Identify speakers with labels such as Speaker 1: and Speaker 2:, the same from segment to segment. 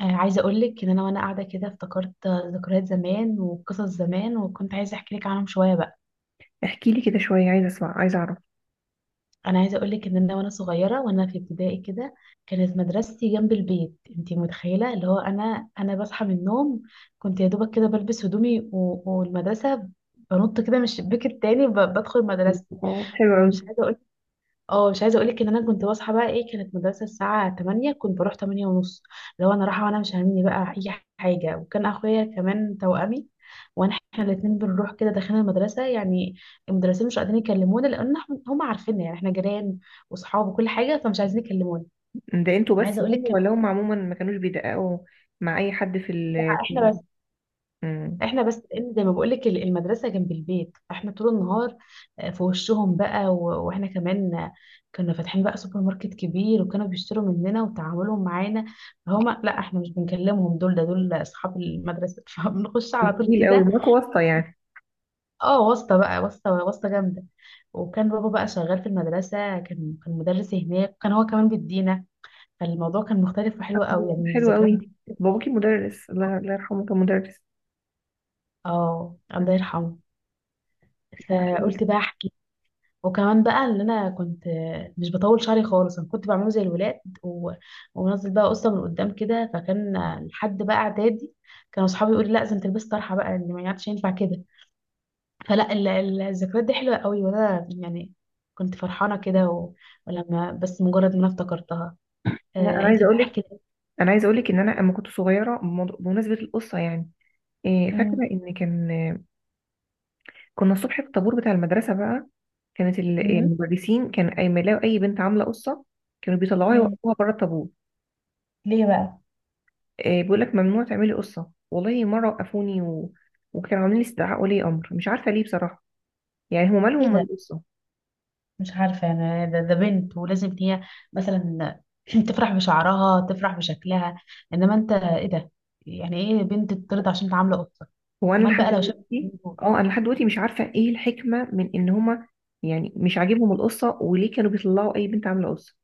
Speaker 1: عايزة أقولك إن أنا وأنا قاعدة كده افتكرت ذكريات زمان وقصص زمان وكنت عايزة أحكي لك عنهم شوية بقى.
Speaker 2: احكي لي كده شوية، عايزة اسمع، عايزة اعرف.
Speaker 1: أنا عايزة أقولك إن أنا وأنا صغيرة وأنا في ابتدائي كده كانت مدرستي جنب البيت. أنتي متخيلة اللي هو أنا بصحى من النوم، كنت يا دوبك كده بلبس هدومي والمدرسة، بنط كده من الشباك التاني بدخل مدرستي.
Speaker 2: اه، حلو قوي.
Speaker 1: ومش عايزة أقولك. اه، مش عايزه اقول لك ان انا كنت بصحى بقى ايه. كانت مدرسه الساعه 8، كنت بروح 8 ونص. لو انا رايحه وانا مش هاممني بقى اي حاجه. وكان اخويا كمان توأمي، وانا احنا الاثنين بنروح كده داخلين المدرسه يعني. المدرسين مش قادرين يكلمونا، لان احنا هم عارفيننا، يعني احنا جيران واصحاب وكل حاجه، فمش عايزين يكلمونا.
Speaker 2: ده انتوا بس
Speaker 1: عايزه اقول لك
Speaker 2: يعني
Speaker 1: كمان.
Speaker 2: ولا هم عموما ما كانوش بيدققوا مع اي حد
Speaker 1: لا، احنا
Speaker 2: مم.
Speaker 1: بس إن زي ما بقولك المدرسة جنب البيت، فاحنا طول النهار في وشهم بقى، واحنا كمان كنا فاتحين بقى سوبر ماركت كبير، وكانوا بيشتروا مننا وتعاملهم معانا. فهما لا، احنا مش بنكلمهم، دول دول اصحاب المدرسة، فبنخش على طول
Speaker 2: جميل قوي،
Speaker 1: كده.
Speaker 2: معاكوا واسطة يعني.
Speaker 1: اه، واسطة بقى، واسطة جامدة. وكان بابا بقى شغال في المدرسة، كان مدرس هناك، وكان هو كمان بيدينا. فالموضوع كان مختلف وحلو قوي، يعني
Speaker 2: حلو
Speaker 1: الذكريات
Speaker 2: قوي.
Speaker 1: دي.
Speaker 2: باباكي مدرس؟ الله، الله يرحمه، كان مدرس.
Speaker 1: اه،
Speaker 2: مم.
Speaker 1: الله يرحمه. فقلت بقى احكي. وكمان بقى ان انا كنت مش بطول شعري خالص، انا كنت بعمله زي الولاد ومنزل بقى قصه من قدام كده، فكان لحد بقى اعدادي كانوا اصحابي يقولوا لا، لازم تلبس طرحه بقى، اللي ما يعرفش ينفع كده. فلا، الذكريات دي حلوه قوي، وانا يعني كنت فرحانه كده ولما بس مجرد ما انا افتكرتها.
Speaker 2: لا، انا عايزه
Speaker 1: انتي بقى
Speaker 2: اقول لك
Speaker 1: احكي لي.
Speaker 2: انا عايزه اقول لك ان انا اما كنت صغيره بمناسبه القصه يعني. فاكره
Speaker 1: امم.
Speaker 2: ان كان كنا الصبح في الطابور بتاع المدرسه بقى، كانت المدرسين كان اي ما يلاقوا اي بنت عامله قصه، كانوا بيطلعوها
Speaker 1: امم.
Speaker 2: يوقفوها بره الطابور.
Speaker 1: ليه بقى؟
Speaker 2: بيقول لك ممنوع تعملي قصه. والله مره وقفوني وكانوا عاملين لي استدعاء ولي امر، مش عارفه ليه بصراحه. يعني هم
Speaker 1: ايه
Speaker 2: مالهم من
Speaker 1: ده؟
Speaker 2: القصه؟
Speaker 1: مش عارفة أنا. ده, بنت ولازم إن هي مثلا تفرح بشعرها، تفرح بشكلها. إنما أنت، إيه ده؟ يعني إيه بنت ترضى عشان تعامله قطة؟
Speaker 2: هو انا
Speaker 1: أمال
Speaker 2: لحد
Speaker 1: بقى لو شافت
Speaker 2: دلوقتي
Speaker 1: الاتنين دول.
Speaker 2: اه، انا لحد دلوقتي مش عارفه ايه الحكمه من ان هم يعني مش عاجبهم القصه، وليه كانوا بيطلعوا اي بنت عامله قصه؟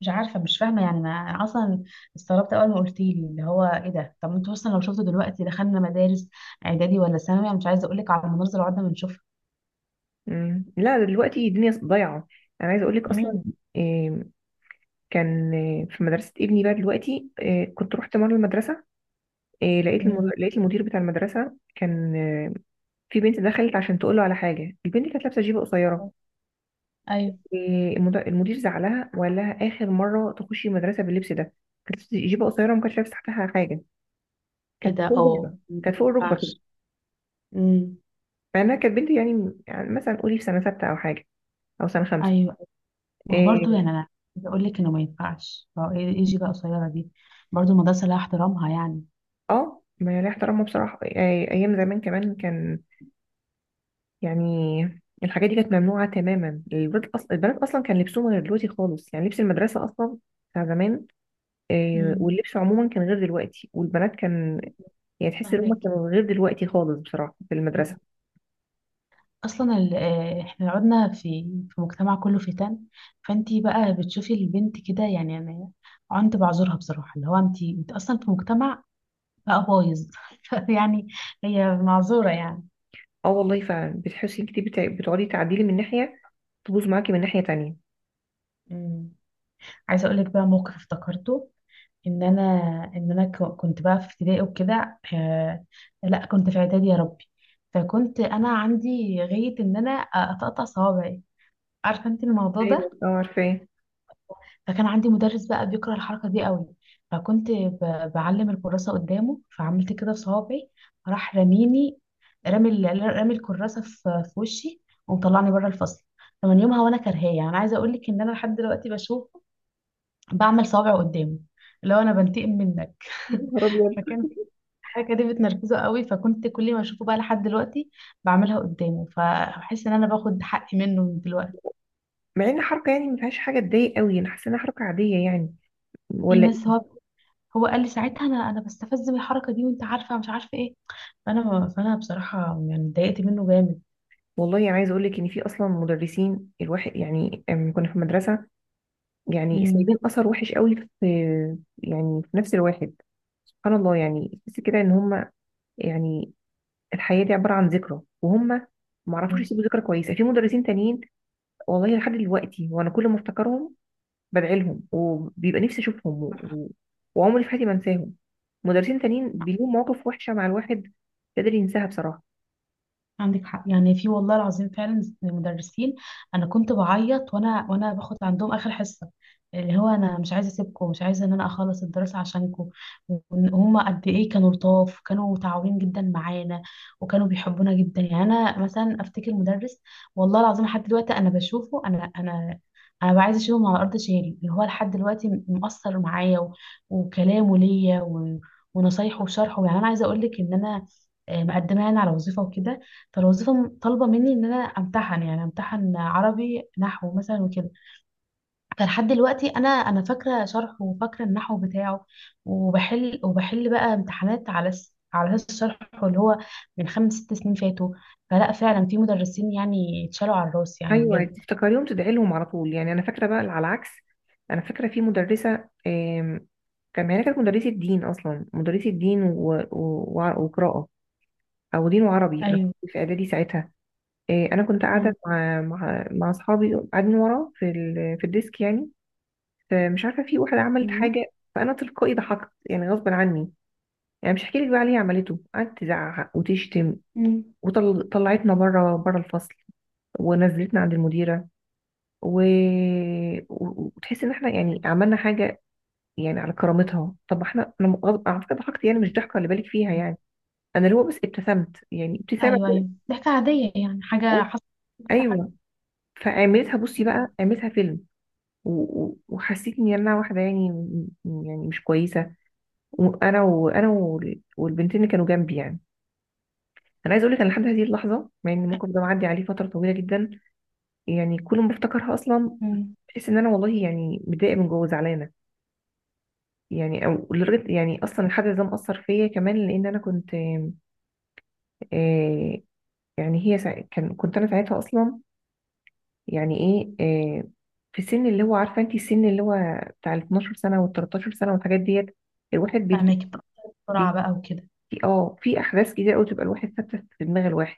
Speaker 1: مش عارفة، مش فاهمة يعني. أنا أصلا استغربت أول ما قلتيلي اللي هو إيه ده. طب أنتوا أصلا لو شفتوا دلوقتي دخلنا مدارس إعدادي ولا ثانوي، أنا مش عايزة أقولك على المناظر اللي قعدنا بنشوفها.
Speaker 2: مم. لا، دلوقتي الدنيا ضايعه. انا عايزه اقول لك اصلا،
Speaker 1: امم.
Speaker 2: آه، كان آه، في مدرسه ابني بقى دلوقتي. كنت رحت مره المدرسه. لقيت
Speaker 1: امم.
Speaker 2: المدير لقيت المدير بتاع المدرسه كان، في بنت دخلت عشان تقول له على حاجه، البنت كانت لابسه جيبه قصيره.
Speaker 1: أيوه.
Speaker 2: المدير زعلها وقال لها اخر مره تخشي المدرسه باللبس ده. كانت جيبه قصيره وما كانتش لابسه تحتها حاجه، كانت
Speaker 1: كده،
Speaker 2: فوق
Speaker 1: أه
Speaker 2: الركبه،
Speaker 1: ما
Speaker 2: كانت فوق الركبه كده.
Speaker 1: ينفعش. امم.
Speaker 2: مع انها كانت بنت، يعني مثلا قولي في سنه سته او حاجه، او سنه خمسه.
Speaker 1: أيوه. ما هو برضه
Speaker 2: إيه،
Speaker 1: يعني انا عايزه اقول لك انه ما ينفعش، هو إيه يجي بقى قصيره دي؟ برضه المدرسه لها احترامها يعني.
Speaker 2: اه، ما ليه احترامه بصراحه. ايام زمان كمان كان، يعني الحاجات دي كانت ممنوعه تماما، البنات اصلا كان لبسهم غير دلوقتي خالص، يعني لبس المدرسه اصلا بتاع زمان.
Speaker 1: امم.
Speaker 2: واللبس عموما كان غير دلوقتي، والبنات كان يعني تحس ان هم
Speaker 1: فاهمك.
Speaker 2: كانوا غير دلوقتي خالص بصراحه في المدرسه.
Speaker 1: اصلا احنا لو قعدنا في في مجتمع كله فتن، فانتي بقى بتشوفي البنت كده، يعني انا عنت بعذرها بصراحه، اللي هو انت اصلا في مجتمع بقى بايظ، يعني هي معذوره يعني.
Speaker 2: اه، والله فعلا بتحسي انك بتقعدي تعديلي من ناحيه، تبوظ معاكي من ناحيه تانية.
Speaker 1: امم. عايزه اقول لك بقى موقف افتكرته ان انا ان انا كنت بقى في ابتدائي وكده، لا كنت في اعدادي يا ربي. فكنت انا عندي غاية ان انا اقطع صوابعي، عارفه انت الموضوع
Speaker 2: ايوه،
Speaker 1: ده؟
Speaker 2: اه، عارفاه.
Speaker 1: فكان عندي مدرس بقى بيكره الحركه دي قوي. فكنت بعلم الكراسه قدامه، فعملت كده في صوابعي. راح رميني، رامي الكراسه في وشي، ومطلعني بره الفصل. فمن يومها وانا كرهاه، يعني انا عايزه اقول لك ان انا لحد دلوقتي بشوفه، بعمل صوابعه قدامه، اللي هو انا بنتقم منك.
Speaker 2: نهار ابيض!
Speaker 1: فكان الحركة دي بتنرفزه قوي، فكنت كل ما اشوفه بقى لحد دلوقتي بعملها قدامه، فبحس ان انا باخد حقي منه من دلوقتي.
Speaker 2: مع ان حركه يعني ما فيهاش حاجه تضايق قوي، انا حاسه انها حركه عاديه يعني،
Speaker 1: في
Speaker 2: ولا
Speaker 1: ناس،
Speaker 2: إيه؟
Speaker 1: هو هو قال لي ساعتها انا بستفز من الحركة دي، وانت عارفة مش عارفة ايه. فانا بصراحة يعني اتضايقت منه جامد.
Speaker 2: والله يعني، عايزه اقول لك ان في اصلا مدرسين الواحد يعني، كنا في مدرسه يعني سايبين اثر وحش قوي في يعني في نفس الواحد. سبحان الله، يعني تحس كده ان هم يعني الحياه دي عباره عن ذكرى، وهم ما عرفوش
Speaker 1: امم.
Speaker 2: يسيبوا ذكرى كويسه في مدرسين تانيين. والله لحد دلوقتي وانا كل ما افتكرهم بدعي لهم، وبيبقى نفسي اشوفهم وعمري في حياتي ما انساهم. مدرسين تانيين بيلهم مواقف وحشه مع الواحد مش قادر ينساها بصراحه.
Speaker 1: عندك حق، يعني في والله العظيم فعلا مدرسين. انا كنت بعيط وانا باخد عندهم اخر حصه، اللي هو انا مش عايزه اسيبكم، مش عايزه ان انا اخلص الدراسه عشانكم. وهما قد ايه كانوا لطاف، كانوا متعاونين جدا معانا، وكانوا بيحبونا جدا. يعني انا مثلا افتكر مدرس والله العظيم لحد دلوقتي انا بشوفه. انا بقى عايزه اشيله من على ارض شهري، اللي هو لحد دلوقتي مؤثر معايا، وكلامه ليا ونصايحه وشرحه. يعني انا عايزه اقول لك ان انا مقدمه يعني على وظيفه وكده، فالوظيفة طالبة مني ان انا امتحن، يعني امتحن عربي نحو مثلا وكده. فلحد دلوقتي انا فاكرة شرحه وفاكرة النحو بتاعه، وبحل بقى امتحانات على على اساس شرحه، اللي هو من خمس ست سنين فاتوا. فلا، فعلا في مدرسين يعني اتشالوا على الراس يعني
Speaker 2: ايوه،
Speaker 1: بجد.
Speaker 2: تفتكريهم تدعي لهم على طول. يعني انا فاكره بقى على العكس، انا فاكره في مدرسه، هي كانت مدرسه دين، اصلا مدرسه دين وقراءه، او دين وعربي، انا
Speaker 1: ايوه.
Speaker 2: كنت في اعدادي ساعتها. انا كنت قاعده
Speaker 1: مم.
Speaker 2: مع اصحابي، قاعدين ورا في الديسك يعني. فمش عارفه في واحد عملت
Speaker 1: مم.
Speaker 2: حاجه، فانا تلقائي ضحكت يعني غصب عني. يعني مش هحكي لك بقى عليه. عملته قعدت تزعق وتشتم،
Speaker 1: مم.
Speaker 2: وطلعتنا بره، بره الفصل، ونزلتنا عند المديره، و... وتحس ان احنا يعني عملنا حاجه يعني على كرامتها. طب انا غضب على فكره ضحكت، يعني مش ضحكه اللي بالك فيها يعني، انا اللي هو بس ابتسمت يعني ابتسامه
Speaker 1: ايوه،
Speaker 2: كده.
Speaker 1: ايوه، ضحكة عادية، يعني حاجة حصلت، حاجة.
Speaker 2: ايوه. فعملتها بصي بقى،
Speaker 1: مم.
Speaker 2: عملتها فيلم وحسيت ان انا واحده يعني، يعني مش كويسه، وانا والبنتين اللي كانوا جنبي يعني. انا عايزه اقول لك، انا لحد هذه اللحظه مع ان الموقف ده معدي عليه فتره طويله جدا، يعني كل ما افتكرها اصلا
Speaker 1: مم.
Speaker 2: بحس ان انا والله يعني متضايقه من جوه زعلانه. يعني او لدرجه يعني، اصلا الحدث ده مأثر فيا كمان، لان انا كنت آه يعني هي سا... كان كنت انا ساعتها اصلا، يعني ايه، آه في سن، اللي هو عارفه انت السن اللي هو بتاع ال 12 سنه وال 13 سنه والحاجات ديت. الواحد بيت...
Speaker 1: فاهمك بقى. بسرعة
Speaker 2: بيت...
Speaker 1: بقى وكده.
Speaker 2: اه، في احداث كتير قوي تبقى الواحد ثابته في دماغ الواحد.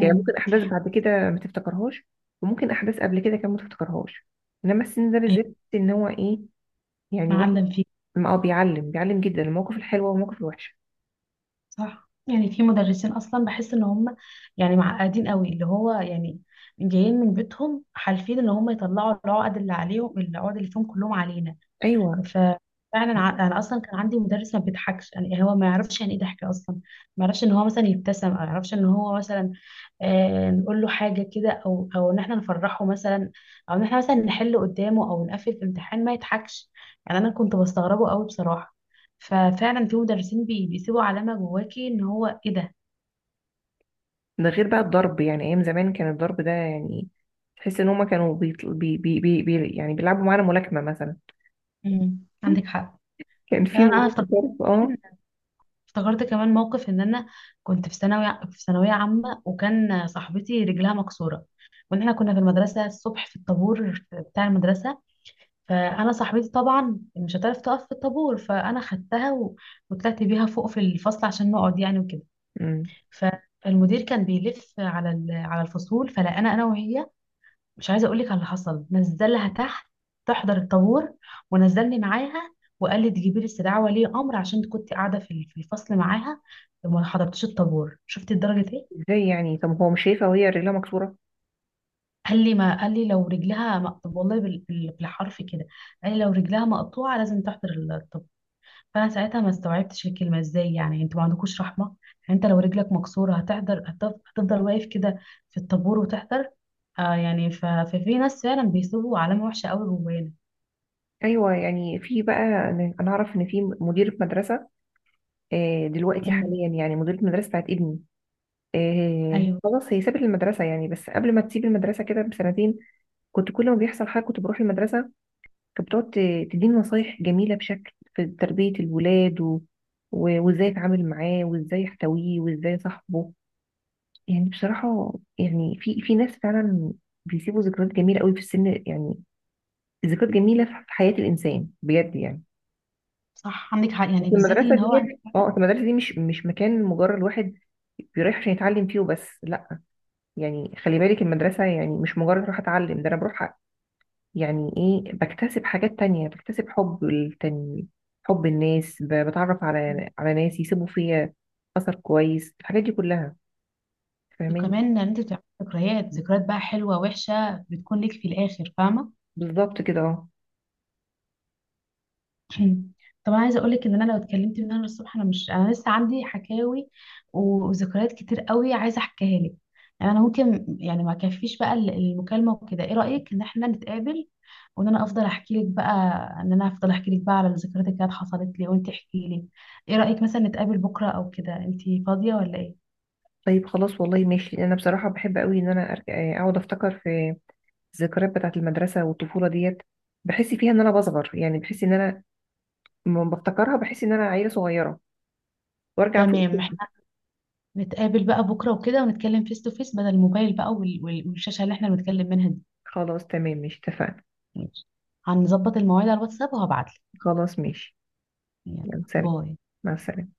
Speaker 2: يعني ممكن احداث بعد كده ما تفتكرهاش، وممكن احداث قبل كده كمان ما تفتكرهاش، انما السن ده
Speaker 1: ايوه.
Speaker 2: بالذات ان هو ايه يعني
Speaker 1: معلم فيها.
Speaker 2: بيعلم جدا المواقف الحلوة والمواقف الوحشة.
Speaker 1: صح، يعني في مدرسين اصلا بحس ان هم يعني معقدين قوي، اللي هو يعني جايين من بيتهم حالفين ان هم يطلعوا العقد اللي عليهم، العقد اللي فيهم كلهم علينا.
Speaker 2: ايوه،
Speaker 1: ففعلا انا اصلا كان عندي مدرس ما بيضحكش، يعني هو ما يعرفش يعني ايه ضحك اصلا. ما يعرفش ان هو مثلا يبتسم، او ما يعرفش ان هو مثلا نقول له حاجه كده، او ان احنا نفرحه مثلا، او ان احنا مثلا نحل قدامه او نقفل في امتحان، ما يضحكش. يعني انا كنت بستغربه قوي بصراحه. ففعلا في مدرسين بيسيبوا علامه جواكي، ان هو ايه ده.
Speaker 2: ده غير بقى الضرب. يعني ايام زمان كان الضرب ده يعني، تحس ان هما كانوا بيطل... بي... بي... بي... بي... يعني بيلعبوا معانا ملاكمة مثلا.
Speaker 1: مم. عندك حق
Speaker 2: كان في
Speaker 1: يعني. انا أنا
Speaker 2: موضوع الضرب، اه.
Speaker 1: افتكرت كمان موقف، ان انا كنت في ثانوي، في ثانويه عامه، وكان صاحبتي رجلها مكسوره، وان احنا كنا في المدرسه الصبح في الطابور بتاع المدرسه. فانا صاحبتي طبعا مش هتعرف تقف في الطابور، فانا خدتها وطلعت بيها فوق في الفصل عشان نقعد يعني وكده.
Speaker 2: مم.
Speaker 1: فالمدير كان بيلف على على الفصول، فلقانا انا وهي. مش عايزه اقول لك على اللي حصل. نزلها تحت تحضر الطابور، ونزلني معاها، وقال لي تجيبي لي استدعاء ولي امر عشان كنت قاعده في الفصل معاها وما حضرتش الطابور. شفتي درجه ايه؟
Speaker 2: ازاي يعني؟ طب هو مش شايفة وهي رجلها مكسورة؟
Speaker 1: قال لي، ما قال لي لو رجلها مقطوعه والله بالحرف كده، قال لي لو رجلها مقطوعه لازم تحضر الطابور. فانا ساعتها ما استوعبتش الكلمه. ازاي يعني انتوا ما عندكوش رحمه؟ يعني انت لو رجلك مكسوره هتحضر؟ هتفضل واقف كده في الطابور وتحضر؟ يعني ففي ناس فعلا بيسيبوا علامه وحشه قوي جوانا.
Speaker 2: ايوه يعني في بقى، أنا اعرف ان في مديرة مدرسة، دلوقتي حاليا يعني مديرة مدرسة بتاعت ابني،
Speaker 1: ايوه.
Speaker 2: خلاص هي سابت المدرسة. يعني بس قبل ما تسيب المدرسة كده بسنتين، كنت كل ما بيحصل حاجة كنت بروح المدرسة، كانت بتقعد تديني نصايح جميلة بشكل في تربية الولاد وازاي اتعامل معاه وازاي احتويه وازاي صاحبه، يعني بصراحة. يعني في ناس فعلا بيسيبوا ذكريات جميلة قوي في السن يعني، ذكريات جميلة في حياة الإنسان بجد يعني.
Speaker 1: صح، عندك حق،
Speaker 2: بس
Speaker 1: يعني بالذات
Speaker 2: المدرسة
Speaker 1: ان هو
Speaker 2: ديت، اه، أصل المدرسة دي مش مكان مجرد واحد بيروح عشان يتعلم فيه وبس، لا، يعني خلي بالك، المدرسة يعني مش مجرد اروح اتعلم، ده انا بروح يعني ايه، بكتسب حاجات تانية، بكتسب حب التاني، حب الناس، بتعرف على ناس يسيبوا فيا أثر كويس، الحاجات دي كلها. فاهماني؟
Speaker 1: وكمان ان انت بتعمل ذكريات بقى حلوه وحشه، بتكون لك في الاخر، فاهمه؟
Speaker 2: بالظبط كده، اه.
Speaker 1: طب انا عايزه اقول لك ان انا لو اتكلمت من هنا للصبح انا مش، انا لسه عندي حكاوي وذكريات كتير قوي عايزه احكيها لك. يعني انا ممكن يعني ما كفيش بقى المكالمه وكده. ايه رايك ان احنا نتقابل وان انا افضل احكي لك بقى ان انا افضل احكي لك بقى على الذكريات اللي كانت حصلت لي، وانت احكي لي؟ ايه رايك مثلا نتقابل بكره او كده؟ انت فاضيه ولا ايه؟
Speaker 2: طيب خلاص، والله ماشي. انا بصراحة بحب قوي ان انا اقعد افتكر في الذكريات بتاعة المدرسة والطفولة ديت، بحس فيها ان انا بصغر. يعني بحس ان انا لما بفتكرها بحس ان انا عيلة صغيرة وارجع
Speaker 1: تمام.
Speaker 2: فوق.
Speaker 1: نتقابل بقى بكرة وكده، ونتكلم فيس تو فيس بدل الموبايل بقى والشاشة اللي احنا بنتكلم منها دي.
Speaker 2: خلاص تمام، مش اتفقنا؟
Speaker 1: ماشي. هنظبط المواعيد على الواتساب وهبعتلك.
Speaker 2: خلاص ماشي.
Speaker 1: يلا.
Speaker 2: يلا سلام.
Speaker 1: باي.
Speaker 2: مع السلامة.